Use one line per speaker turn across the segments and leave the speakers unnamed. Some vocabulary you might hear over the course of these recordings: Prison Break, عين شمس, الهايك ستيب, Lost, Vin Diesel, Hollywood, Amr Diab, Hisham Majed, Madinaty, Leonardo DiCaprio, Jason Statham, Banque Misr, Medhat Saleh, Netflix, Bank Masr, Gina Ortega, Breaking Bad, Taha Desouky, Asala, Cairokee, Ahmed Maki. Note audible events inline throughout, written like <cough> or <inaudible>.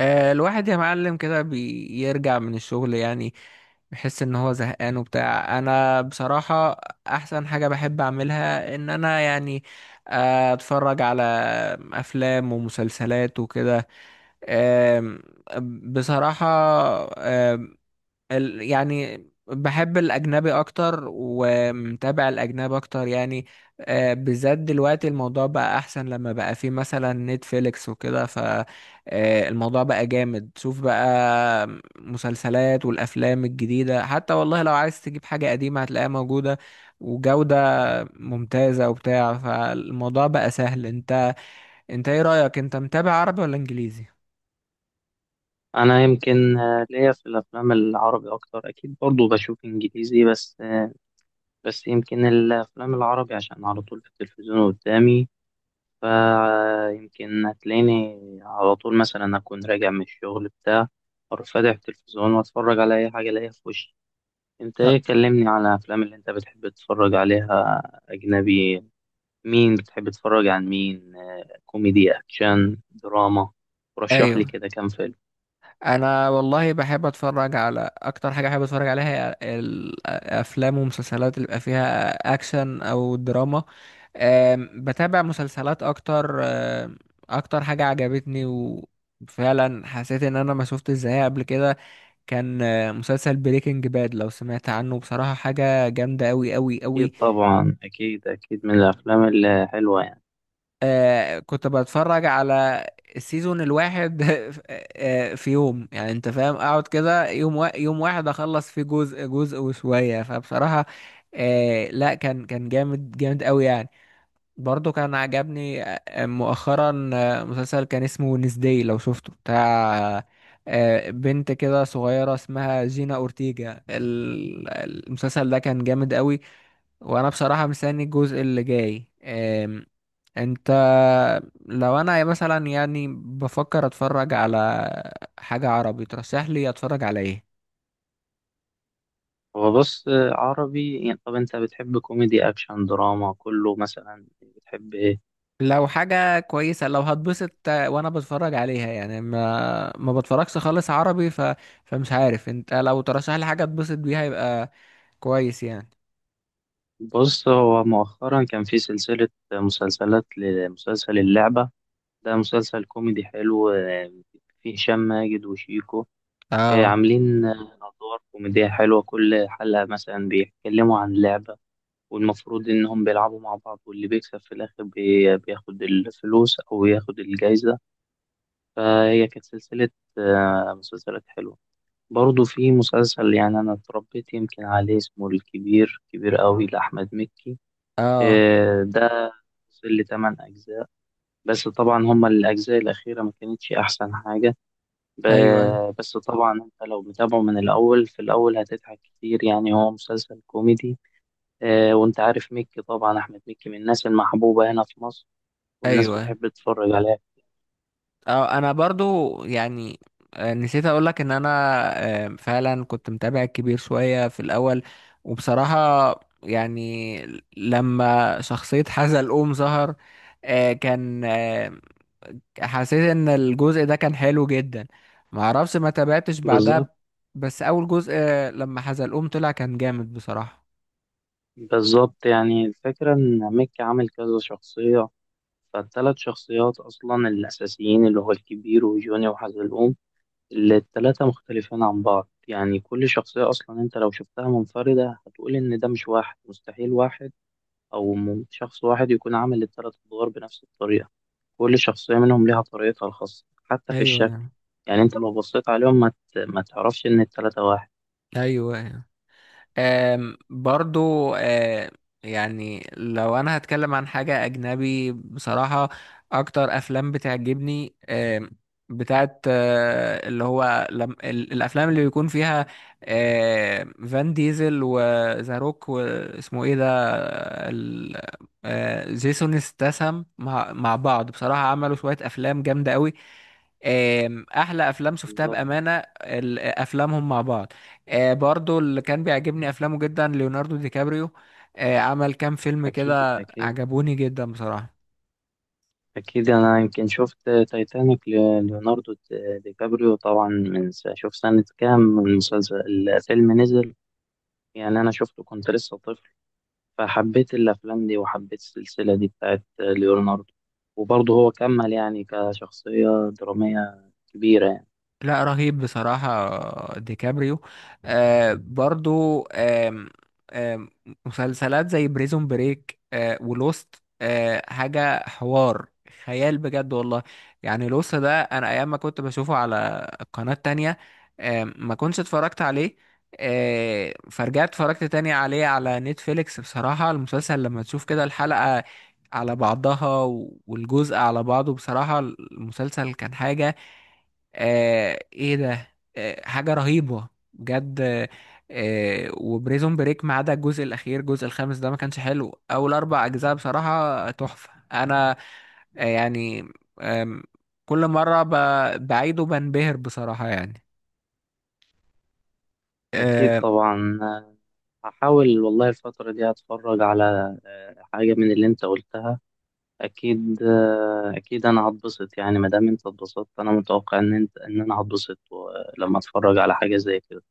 الواحد يا معلم كده بيرجع من الشغل يعني. بحس ان هو زهقان وبتاع انا بصراحة. احسن حاجة بحب اعملها ان انا يعني اتفرج على افلام ومسلسلات وكده. آم، بصراحة يعني بحب الأجنبي أكتر ومتابع الأجنبي أكتر يعني. بالذات دلوقتي الموضوع بقى أحسن لما بقى فيه مثلا نتفليكس وكده، فالموضوع بقى جامد. شوف بقى مسلسلات والأفلام الجديدة، حتى والله لو عايز تجيب حاجة قديمة هتلاقيها موجودة، وجودة ممتازة وبتاع. فالموضوع بقى سهل. انت ايه رأيك، انت متابع عربي ولا انجليزي؟
انا يمكن ليا في الافلام العربي اكتر. اكيد برضو بشوف انجليزي، بس يمكن الافلام العربي عشان على طول في التلفزيون قدامي. فيمكن هتلاقيني على طول مثلا اكون راجع من الشغل بتاع، اروح فاتح التلفزيون واتفرج على اي حاجه الاقيها في وشي. انت
لا.
ايه، كلمني على الافلام اللي انت بتحب تتفرج عليها اجنبي. مين بتحب تتفرج عن مين؟ كوميدي، اكشن، دراما؟ رشح
ايوه.
لي كده كام فيلم.
انا والله بحب اتفرج على، اكتر حاجه بحب اتفرج عليها هي الافلام ومسلسلات اللي بيبقى فيها اكشن او دراما. بتابع مسلسلات اكتر. اكتر حاجه عجبتني، وفعلا حسيت ان انا ما شفت ازاي قبل كده. كان مسلسل بريكنج باد، لو سمعت عنه بصراحه حاجه جامده قوي قوي
أكيد
قوي.
طبعا، أكيد أكيد من الأفلام الحلوة يعني.
كنت بتفرج على السيزون الواحد <laughs> في يوم يعني انت فاهم، اقعد كده يوم يوم واحد اخلص فيه جزء جزء وشوية، فبصراحة لا، كان جامد جامد قوي يعني. برضو كان عجبني مؤخرا مسلسل كان اسمه نسداي، لو شفته بتاع بنت كده صغيرة اسمها جينا أورتيجا. المسلسل ده كان جامد قوي، وأنا بصراحة مستني الجزء اللي جاي. انت لو انا مثلا يعني بفكر اتفرج على حاجة عربي، ترشح لي اتفرج على ايه؟
هو بص، عربي يعني، طب أنت بتحب كوميدي، أكشن، دراما، كله، مثلا بتحب إيه؟
لو حاجة كويسة، لو هتبسط وانا بتفرج عليها يعني، ما بتفرجش خالص عربي، فمش عارف، انت لو ترشح لي حاجة اتبسط بيها يبقى كويس يعني.
بص، هو مؤخرا كان في سلسلة مسلسلات لمسلسل اللعبة. ده مسلسل كوميدي حلو، فيه هشام ماجد وشيكو.
اه،
عاملين أدوار كوميدية حلوة، كل حلقة مثلا بيتكلموا عن لعبة، والمفروض إنهم بيلعبوا مع بعض، واللي بيكسب في الآخر بياخد الفلوس أو ياخد الجايزة. فهي كانت سلسلة مسلسلات حلوة. برضه في مسلسل، يعني أنا اتربيت يمكن عليه، اسمه الكبير كبير أوي لأحمد مكي.
اه،
ده وصل لتمن أجزاء، بس طبعا هما الأجزاء الأخيرة ما كانتش أحسن حاجة.
ايوه، ايوه،
بس طبعا أنت لو متابعه من الأول، في الأول هتضحك كتير، يعني هو مسلسل كوميدي. وأنت عارف مكي طبعا، أحمد مكي من الناس المحبوبة هنا في مصر، والناس
ايوه.
بتحب تتفرج عليه.
اه انا برضو يعني نسيت اقولك ان انا فعلا كنت متابع كبير شوية في الاول، وبصراحة يعني لما شخصية حزلقوم ظهر آه، كان آه، حسيت ان الجزء ده كان حلو جدا. معرفش، ما تابعتش
بالظبط.
بعدها. بس اول جزء لما حزلقوم طلع كان جامد بصراحة.
بالظبط، يعني الفكرة إن ميك عامل كذا شخصية. فالتلات شخصيات أصلا الأساسيين اللي هو الكبير وجوني وحزلقوم، اللي التلاتة مختلفين عن بعض. يعني كل شخصية أصلا أنت لو شفتها منفردة هتقول إن ده مش واحد، مستحيل واحد أو شخص واحد يكون عامل التلات أدوار بنفس الطريقة. كل شخصية منهم ليها طريقتها الخاصة حتى في الشكل.
ايوه،
يعني أنت لو بصيت عليهم ما تعرفش إن التلاتة واحد.
ايوه. برضو يعني لو انا هتكلم عن حاجة اجنبي بصراحة، اكتر افلام بتعجبني بتاعت اللي هو لم الافلام اللي بيكون فيها فان ديزل وذا روك واسمه ايه ده ال- جيسون استسم، مع بعض بصراحة عملوا شوية افلام جامدة قوي. احلى افلام شفتها
بالظبط.
بأمانة افلامهم مع بعض. برضو اللي كان بيعجبني افلامه جدا ليوناردو دي كابريو. عمل كام فيلم
أكيد
كده
أكيد.
عجبوني جدا بصراحة.
أكيد أنا يمكن شفت تايتانيك ليوناردو دي كابريو طبعا، من شوف سنة كام المسلسل، الفيلم نزل. يعني أنا شفته كنت لسه طفل، فحبيت الأفلام دي وحبيت السلسلة دي بتاعت ليوناردو. وبرضه هو كمل يعني كشخصية درامية كبيرة يعني.
لا، رهيب بصراحة ديكابريو. برضو آم آم مسلسلات زي بريزون بريك ولوست، حاجة حوار خيال بجد والله. يعني لوست ده أنا أيام ما كنت بشوفه على قناة تانية ما كنتش اتفرجت عليه. فرجعت اتفرجت تاني عليه على نتفليكس. بصراحة المسلسل لما تشوف كده الحلقة على بعضها والجزء على بعضه، بصراحة المسلسل كان حاجة آه ايه ده آه حاجة رهيبة بجد وبريزون بريك ما عدا الجزء الأخير، الجزء الخامس ده ما كانش حلو. أول أربع أجزاء بصراحة تحفة. أنا يعني آم، كل مرة بعيده بنبهر بصراحة يعني
أكيد
آه
طبعا. هحاول والله الفترة دي أتفرج على حاجة من اللي أنت قلتها. اكيد، اكيد انا هتبسط، يعني ما دام انت اتبسطت انا متوقع ان انت ان انا هتبسط لما اتفرج على حاجه زي كده.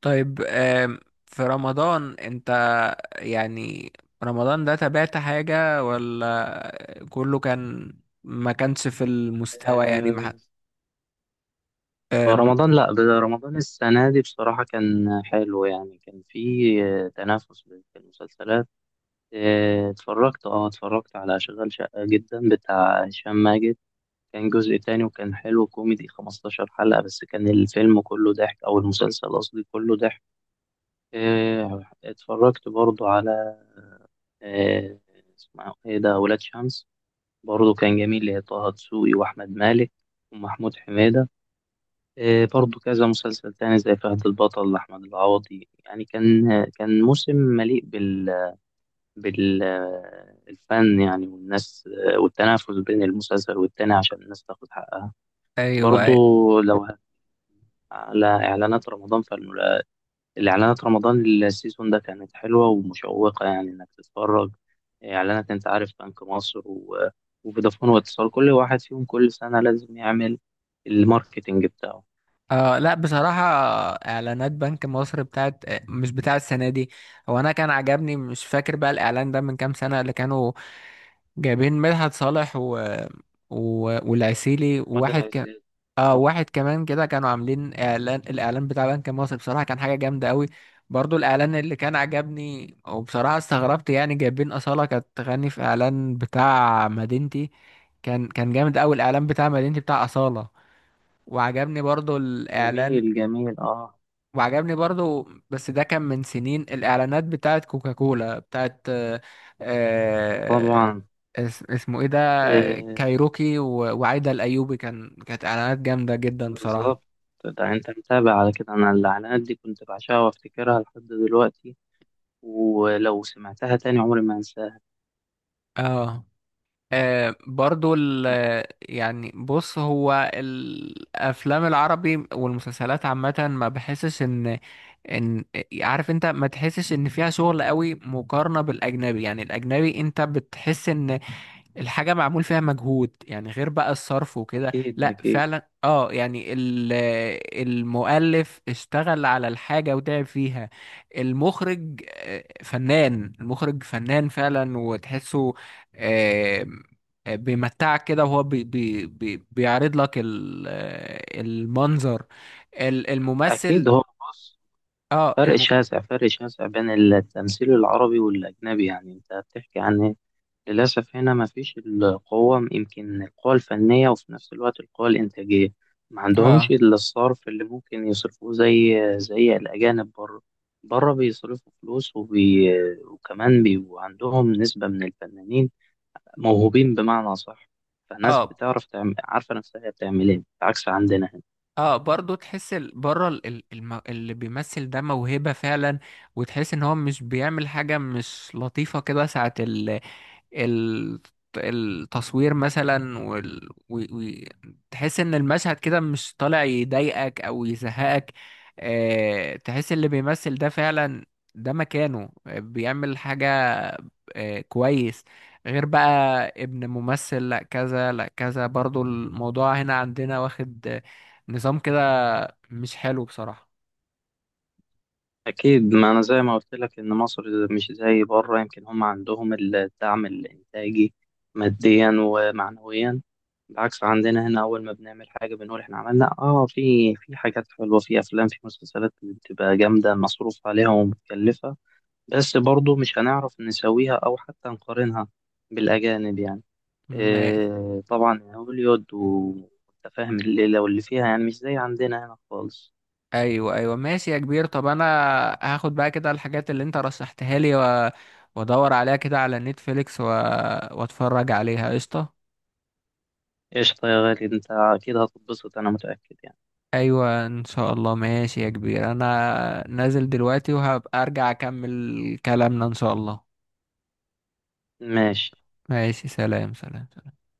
طيب في رمضان، أنت يعني رمضان ده تابعت حاجة ولا كله كان ما كانش في المستوى؟ يعني ما
آه،
حد- آم،
رمضان لا، رمضان السنه دي بصراحه كان حلو، يعني كان في تنافس بين المسلسلات. اتفرجت، اه اتفرجت على شغال شقه جدا بتاع هشام ماجد. كان جزء تاني وكان حلو كوميدي، 15 حلقه بس، كان الفيلم كله ضحك، او المسلسل قصدي كله ضحك. اتفرجت برضو على آه، اسمه ايه ده، ولاد شمس. برضه كان جميل، اللي هي طه دسوقي واحمد مالك ومحمود حميدة. برضه كذا مسلسل تاني زي فهد البطل لأحمد العوضي. يعني كان موسم مليء بالفن يعني، والناس، والتنافس بين المسلسل والتاني عشان الناس تاخد حقها.
ايوه.
برضه لو على إعلانات رمضان، فالملازمة الإعلانات رمضان السيزون ده كانت حلوة ومشوقة يعني إنك تتفرج. إعلانات، أنت عارف، بنك مصر وفودافون واتصال، كل واحد فيهم كل سنة لازم يعمل الماركتينج بتاعه.
لا بصراحة، إعلانات بنك مصر بتاعت مش بتاع السنة دي. هو أنا كان عجبني، مش فاكر بقى الإعلان ده من كام سنة، اللي كانوا جايبين مدحت صالح و... والعسيلي
وده الأساس. آه،
واحد كمان كده، كانوا عاملين إعلان، الإعلان بتاع بنك مصر بصراحة كان حاجة جامدة أوي. برضو الإعلان اللي كان عجبني، وبصراحة استغربت يعني جايبين أصالة كانت تغني في إعلان بتاع مدينتي، كان جامد أوي الإعلان بتاع مدينتي بتاع أصالة. وعجبني برضو الإعلان،
جميل جميل. آه
وعجبني برضو بس ده كان من سنين الإعلانات بتاعت كوكاكولا بتاعت آه،
طبعا.
اسمه ايه ده،
آه
كايروكي وعايدة الأيوبي، كانت إعلانات جامدة جدا
بالظبط.
بصراحة.
ده أنت متابع على كده؟ أنا الإعلانات دي كنت بعشقها وأفتكرها لحد دلوقتي، ولو سمعتها تاني عمري ما أنساها.
اه. آه، برضو ال يعني بص، هو الافلام العربي والمسلسلات عامه ما بحسش ان ان عارف انت، ما تحسش ان فيها شغل قوي مقارنه بالاجنبي. يعني الاجنبي انت بتحس ان الحاجة معمول فيها مجهود، يعني غير بقى الصرف وكده،
أكيد
لا
أكيد.
فعلا اه يعني المؤلف اشتغل على الحاجة وتعب فيها. المخرج فنان، المخرج فنان فعلا وتحسه، آه، بيمتعك كده، وهو بي بي بي بيعرض لك المنظر، الممثل
أكيد، هو بص،
اه
فرق
الم...
شاسع، فرق شاسع بين التمثيل العربي والأجنبي. يعني أنت بتحكي عن إيه؟ للأسف هنا مفيش القوة، يمكن القوة الفنية وفي نفس الوقت القوة الإنتاجية. ما عندهمش
اه،
إلا الصرف اللي ممكن يصرفوه زي الأجانب بره. بره بيصرفوا فلوس وكمان بيبقوا عندهم نسبة من الفنانين موهوبين بمعنى صح. فالناس
اه،
بتعرف تعمل، عارفة نفسها هي بتعمل إيه، عكس عندنا هنا.
اه، برضو تحس بره اللي بيمثل ده موهبة فعلا. وتحس ان هو مش بيعمل حاجة مش لطيفة، كده ساعة ال- التصوير مثلا تحس ان المشهد كده مش طالع، يضايقك او يزهقك. تحس اللي بيمثل ده فعلا ده مكانه، بيعمل حاجة كويس. غير بقى ابن ممثل لا كذا لا كذا، برضو الموضوع هنا عندنا واخد نظام كده مش حلو بصراحة.
أكيد، ما أنا زي ما قلت لك إن مصر مش زي بره، يمكن هم عندهم الدعم الإنتاجي ماديا ومعنويا. بالعكس عندنا هنا أول ما بنعمل حاجة بنقول إحنا عملنا، في حاجات حلوة، في أفلام، في مسلسلات بتبقى جامدة مصروف عليها ومتكلفة، بس برضو مش هنعرف نسويها أو حتى نقارنها بالأجانب يعني.
ماشي.
إيه طبعا، هوليود وأنت فاهم الليلة واللي فيها، يعني مش زي عندنا هنا خالص.
ايوه، ايوه. ماشي يا كبير. طب انا هاخد بقى كده الحاجات اللي انت رشحتها لي، وادور عليها كده على نتفليكس واتفرج عليها قشطه.
قشطة يا غالي، انت اكيد هتتبسط، انا متأكد يعني.
ايوه، ان شاء الله. ماشي يا كبير، انا نازل دلوقتي وهبقى ارجع اكمل كلامنا ان شاء الله.
ماشي
ماشي، سلام، سلام، سلام.